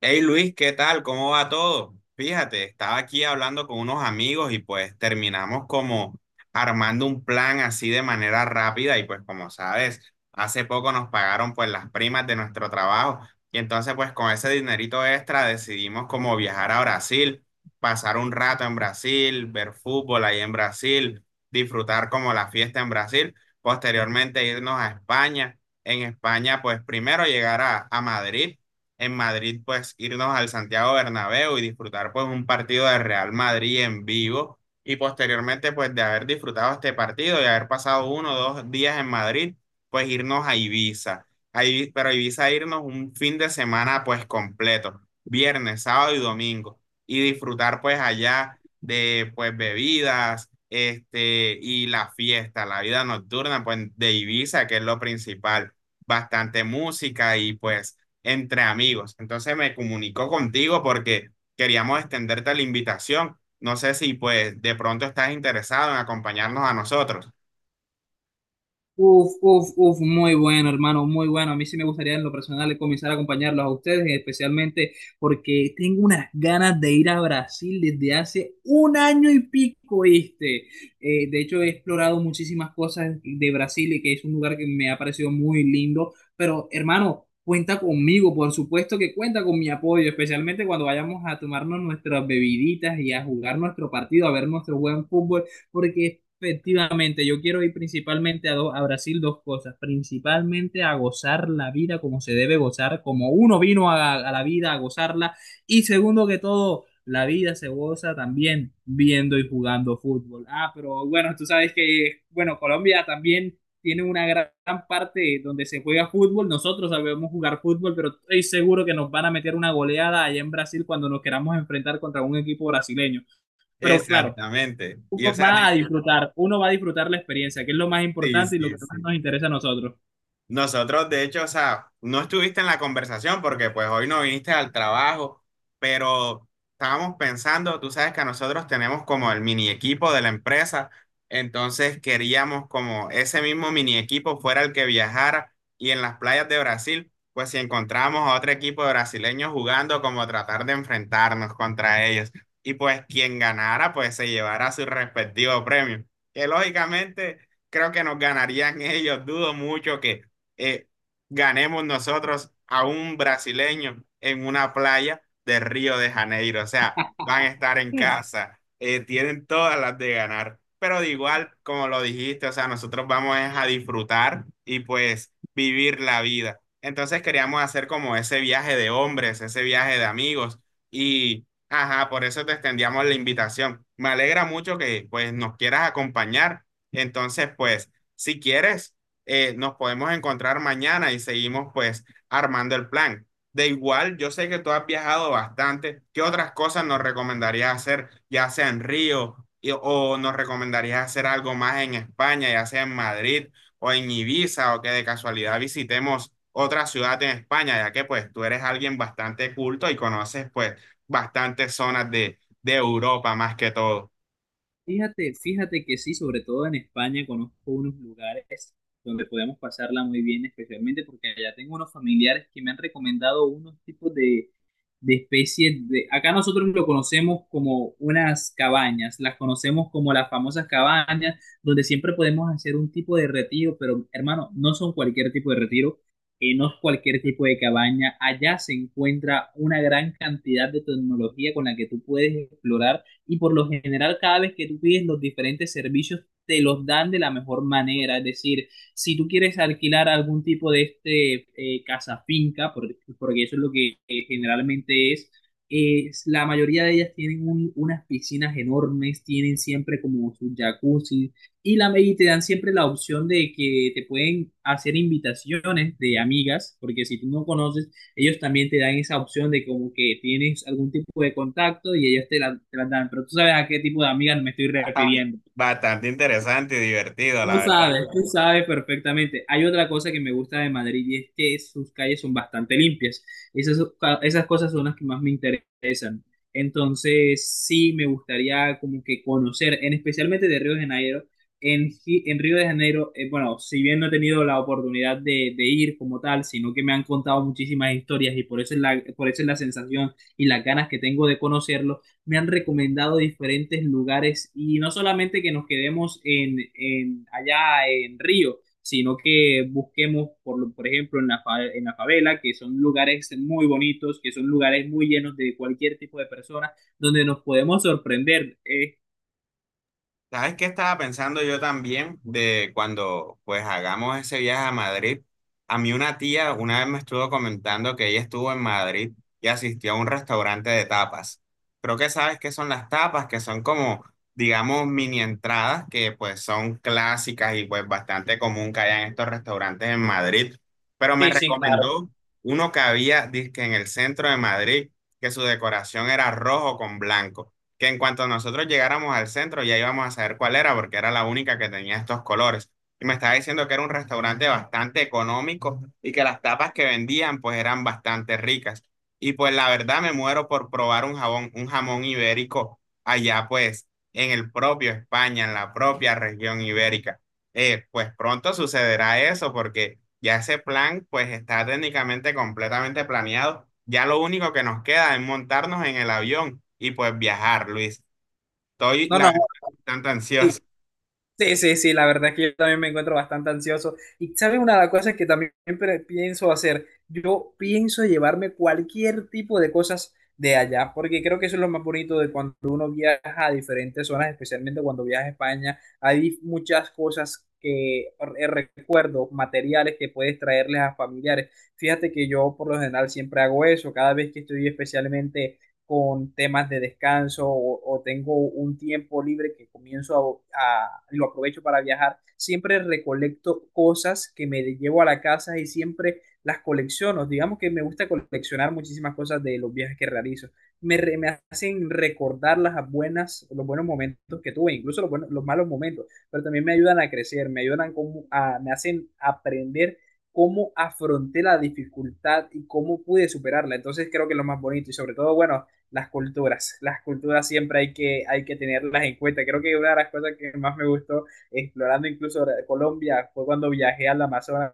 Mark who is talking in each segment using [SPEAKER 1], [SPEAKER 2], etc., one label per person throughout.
[SPEAKER 1] Hey Luis, ¿qué tal? ¿Cómo va todo? Fíjate, estaba aquí hablando con unos amigos y pues terminamos como armando un plan así de manera rápida y pues como sabes, hace poco nos pagaron pues las primas de nuestro trabajo y entonces pues con ese dinerito extra decidimos como viajar a Brasil, pasar un rato en Brasil, ver fútbol ahí en Brasil, disfrutar como la fiesta en Brasil, posteriormente irnos a España. En España pues primero llegar a Madrid, en Madrid, pues irnos al Santiago Bernabéu y disfrutar pues un partido de Real Madrid en vivo y posteriormente pues de haber disfrutado este partido y haber pasado uno o dos días en Madrid, pues irnos a Ibiza. Ahí, pero a Ibiza irnos un fin de semana pues completo, viernes, sábado y domingo y disfrutar pues allá de pues bebidas, este y la fiesta, la vida nocturna pues de Ibiza, que es lo principal, bastante música y pues entre amigos. Entonces me comunicó contigo porque queríamos extenderte la invitación. No sé si pues de pronto estás interesado en acompañarnos a nosotros.
[SPEAKER 2] Uf, uf, uf, muy bueno, hermano, muy bueno. A mí sí me gustaría en lo personal comenzar a acompañarlos a ustedes, especialmente porque tengo unas ganas de ir a Brasil desde hace un año y pico, ¿viste? De hecho, he explorado muchísimas cosas de Brasil y que es un lugar que me ha parecido muy lindo. Pero, hermano, cuenta conmigo, por supuesto que cuenta con mi apoyo, especialmente cuando vayamos a tomarnos nuestras bebiditas y a jugar nuestro partido, a ver nuestro buen fútbol porque efectivamente, yo quiero ir principalmente a, a Brasil dos cosas, principalmente a gozar la vida como se debe gozar, como uno vino a la vida a gozarla, y segundo que todo, la vida se goza también viendo y jugando fútbol. Ah, pero bueno, tú sabes que, bueno, Colombia también tiene una gran gran parte donde se juega fútbol, nosotros sabemos jugar fútbol, pero estoy seguro que nos van a meter una goleada allá en Brasil cuando nos queramos enfrentar contra un equipo brasileño. Pero claro,
[SPEAKER 1] Exactamente. Y o
[SPEAKER 2] uno
[SPEAKER 1] sea,
[SPEAKER 2] va a disfrutar, uno va a disfrutar la experiencia, que es lo más
[SPEAKER 1] sí,
[SPEAKER 2] importante y lo que
[SPEAKER 1] sí,
[SPEAKER 2] más
[SPEAKER 1] sí.
[SPEAKER 2] nos interesa a nosotros.
[SPEAKER 1] Nosotros, de hecho, o sea, no estuviste en la conversación porque pues hoy no viniste al trabajo, pero estábamos pensando, tú sabes que nosotros tenemos como el mini equipo de la empresa, entonces queríamos como ese mismo mini equipo fuera el que viajara y en las playas de Brasil, pues si encontramos a otro equipo de brasileños jugando, como tratar de enfrentarnos contra ellos. Y pues quien ganara, pues se llevara su respectivo premio, que lógicamente creo que nos ganarían ellos, dudo mucho que eh, ganemos nosotros a un brasileño en una playa de Río de Janeiro. O sea, van a estar en
[SPEAKER 2] Sí.
[SPEAKER 1] casa, tienen todas las de ganar. Pero de igual, como lo dijiste, o sea, nosotros vamos es a disfrutar y pues vivir la vida. Entonces queríamos hacer como ese viaje de hombres, ese viaje de amigos y, ajá, por eso te extendíamos la invitación. Me alegra mucho que pues nos quieras acompañar. Entonces, pues, si quieres nos podemos encontrar mañana y seguimos pues armando el plan. De igual, yo sé que tú has viajado bastante. ¿Qué otras cosas nos recomendarías hacer, ya sea en Río o nos recomendarías hacer algo más en España, ya sea en Madrid o en Ibiza o que de casualidad visitemos otra ciudad en España, ya que pues tú eres alguien bastante culto y conoces pues bastantes zonas de Europa más que todo.
[SPEAKER 2] Fíjate, fíjate que sí, sobre todo en España conozco unos lugares donde podemos pasarla muy bien, especialmente porque allá tengo unos familiares que me han recomendado unos tipos de especie de... Acá nosotros lo conocemos como unas cabañas, las conocemos como las famosas cabañas, donde siempre podemos hacer un tipo de retiro, pero hermano, no son cualquier tipo de retiro, no es cualquier tipo de cabaña. Allá se encuentra una gran cantidad de tecnología con la que tú puedes explorar, y por lo general cada vez que tú pides los diferentes servicios te los dan de la mejor manera, es decir, si tú quieres alquilar algún tipo de casa finca, porque eso es lo que generalmente es, la mayoría de ellas tienen unas piscinas enormes, tienen siempre como sus jacuzzi y, la, y te dan siempre la opción de que te pueden hacer invitaciones de amigas, porque si tú no conoces, ellos también te dan esa opción de como que tienes algún tipo de contacto y ellos te la dan, pero tú sabes a qué tipo de amigas me estoy refiriendo.
[SPEAKER 1] Bastante interesante y divertido, la verdad.
[SPEAKER 2] Tú sabes perfectamente. Hay otra cosa que me gusta de Madrid y es que sus calles son bastante limpias. Esas, esas cosas son las que más me interesan. Entonces, sí me gustaría como que conocer, en, especialmente de Río de Janeiro. En, en Río de Janeiro, bueno, si bien no he tenido la oportunidad de ir como tal, sino que me han contado muchísimas historias y por eso es la, por eso es la sensación y las ganas que tengo de conocerlo. Me han recomendado diferentes lugares y no solamente que nos quedemos en allá en Río, sino que busquemos, por, por ejemplo, en la, en la favela, que son lugares muy bonitos, que son lugares muy llenos de cualquier tipo de personas, donde nos podemos sorprender.
[SPEAKER 1] ¿Sabes qué estaba pensando yo también de cuando pues hagamos ese viaje a Madrid? A mí una tía una vez me estuvo comentando que ella estuvo en Madrid y asistió a un restaurante de tapas. Creo que sabes qué son las tapas, que son como, digamos, mini entradas que pues son clásicas y pues bastante común que haya en estos restaurantes en Madrid. Pero me
[SPEAKER 2] Sí, sí, claro.
[SPEAKER 1] recomendó uno que había, dizque en el centro de Madrid, que su decoración era rojo con blanco, que en cuanto nosotros llegáramos al centro ya íbamos a saber cuál era, porque era la única que tenía estos colores. Y me estaba diciendo que era un restaurante bastante económico y que las tapas que vendían pues eran bastante ricas. Y pues la verdad me muero por probar un jabón, un jamón ibérico allá pues en el propio España, en la propia región ibérica. Pues pronto sucederá eso porque ya ese plan pues está técnicamente completamente planeado. Ya lo único que nos queda es montarnos en el avión y pues viajar, Luis. Estoy
[SPEAKER 2] No,
[SPEAKER 1] la
[SPEAKER 2] no,
[SPEAKER 1] verdad bastante ansioso.
[SPEAKER 2] sí, sí, sí, la verdad es que yo también me encuentro bastante ansioso. Y sabes una de las cosas que también pienso hacer, yo pienso llevarme cualquier tipo de cosas de allá, porque creo que eso es lo más bonito de cuando uno viaja a diferentes zonas, especialmente cuando viaja a España, hay muchas cosas que recuerdo, materiales que puedes traerles a familiares. Fíjate que yo por lo general siempre hago eso, cada vez que estoy especialmente con temas de descanso o tengo un tiempo libre que comienzo a, lo aprovecho para viajar, siempre recolecto cosas que me llevo a la casa y siempre las colecciono. Digamos que me gusta coleccionar muchísimas cosas de los viajes que realizo. Me, me hacen recordar las buenas, los buenos momentos que tuve, incluso los, los malos momentos, pero también me ayudan a crecer, me ayudan como a, me hacen aprender cómo afronté la dificultad y cómo pude superarla. Entonces creo que es lo más bonito, y sobre todo, bueno, las culturas. Las culturas siempre hay que tenerlas en cuenta. Creo que una de las cosas que más me gustó explorando incluso Colombia fue cuando viajé al Amazonas,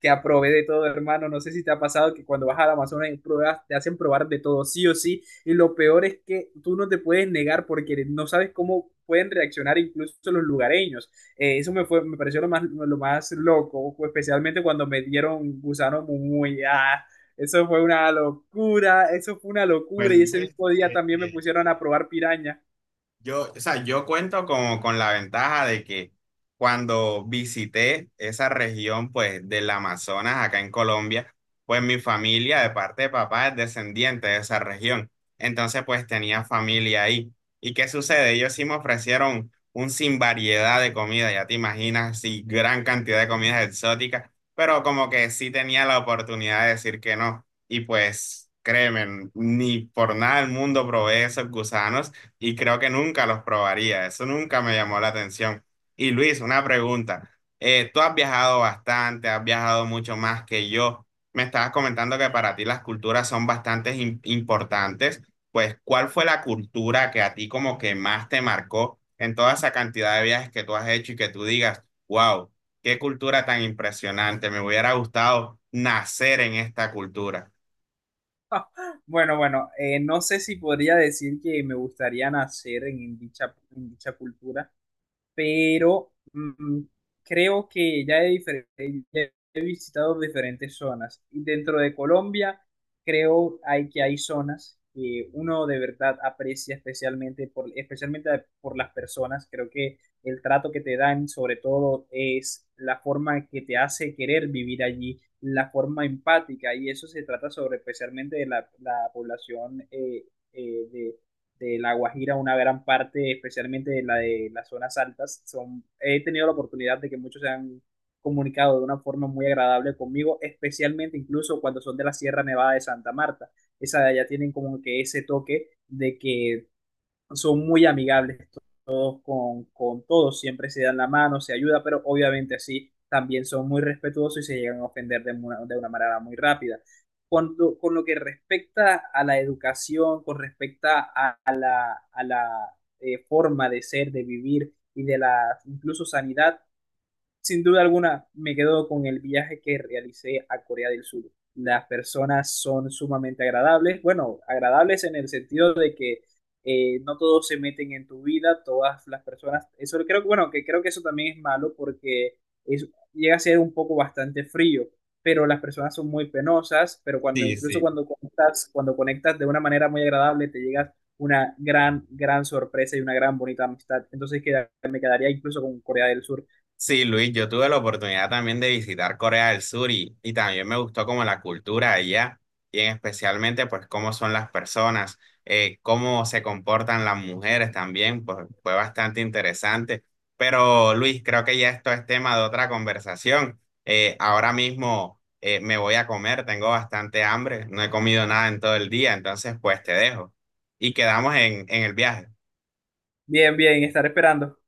[SPEAKER 2] que aprobé de todo, hermano. No sé si te ha pasado que cuando vas al Amazonas y pruebas, te hacen probar de todo, sí o sí. Y lo peor es que tú no te puedes negar porque no sabes cómo pueden reaccionar incluso los lugareños. Eso me, fue, me pareció lo más loco, especialmente cuando me dieron gusano muy... Ah, eso fue una locura, eso fue una
[SPEAKER 1] Pues
[SPEAKER 2] locura. Y ese
[SPEAKER 1] Luis,
[SPEAKER 2] mismo día también me pusieron a probar piraña.
[SPEAKER 1] yo, o sea, yo cuento como con la ventaja de que cuando visité esa región, pues, del Amazonas, acá en Colombia, pues mi familia de parte de papá es descendiente de esa región. Entonces, pues, tenía familia ahí. ¿Y qué sucede? Ellos sí me ofrecieron un sin variedad de comida, ya te imaginas, sí, gran cantidad de comidas exóticas, pero como que sí tenía la oportunidad de decir que no. Y pues, créeme, ni por nada del mundo probé esos gusanos y creo que nunca los probaría. Eso nunca me llamó la atención. Y Luis, una pregunta. Tú has viajado bastante, has viajado mucho más que yo. Me estabas comentando que para ti las culturas son bastante importantes. Pues, ¿cuál fue la cultura que a ti como que más te marcó en toda esa cantidad de viajes que tú has hecho y que tú digas, wow, qué cultura tan impresionante, me hubiera gustado nacer en esta cultura?
[SPEAKER 2] Bueno, bueno, no sé si podría decir que me gustaría nacer en dicha cultura, pero creo que ya he, ya he visitado diferentes zonas. Y dentro de Colombia, creo hay, que hay zonas que uno de verdad aprecia especialmente por, especialmente por las personas. Creo que el trato que te dan, sobre todo, es la forma que te hace querer vivir allí, la forma empática. Y eso se trata sobre especialmente de la, la población eh, de de La Guajira, una gran parte, especialmente de la de las zonas altas. Son, he tenido la oportunidad de que muchos se han comunicado de una forma muy agradable conmigo, especialmente incluso cuando son de la Sierra Nevada de Santa Marta. Esa de allá tienen como que ese toque de que son muy amigables todos con todos, siempre se dan la mano, se ayuda, pero obviamente así también son muy respetuosos y se llegan a ofender de una manera muy rápida. Con lo que respecta a la educación, con respecto a la forma de ser, de vivir y de la incluso sanidad, sin duda alguna, me quedo con el viaje que realicé a Corea del Sur. Las personas son sumamente agradables, bueno, agradables en el sentido de que no todos se meten en tu vida, todas las personas, eso creo que, bueno, que creo que eso también es malo porque es, llega a ser un poco bastante frío, pero las personas son muy penosas, pero cuando,
[SPEAKER 1] Sí,
[SPEAKER 2] incluso
[SPEAKER 1] sí.
[SPEAKER 2] cuando conectas de una manera muy agradable, te llegas una gran, gran sorpresa y una gran bonita amistad. Entonces me quedaría incluso con Corea del Sur.
[SPEAKER 1] Sí, Luis, yo tuve la oportunidad también de visitar Corea del Sur y también me gustó como la cultura de allá y en especialmente pues cómo son las personas, cómo se comportan las mujeres también, pues fue bastante interesante. Pero Luis, creo que ya esto es tema de otra conversación. Ahora mismo me voy a comer, tengo bastante hambre, no he comido nada en todo el día, entonces pues te dejo y quedamos en el viaje.
[SPEAKER 2] Bien, bien, estaré esperando.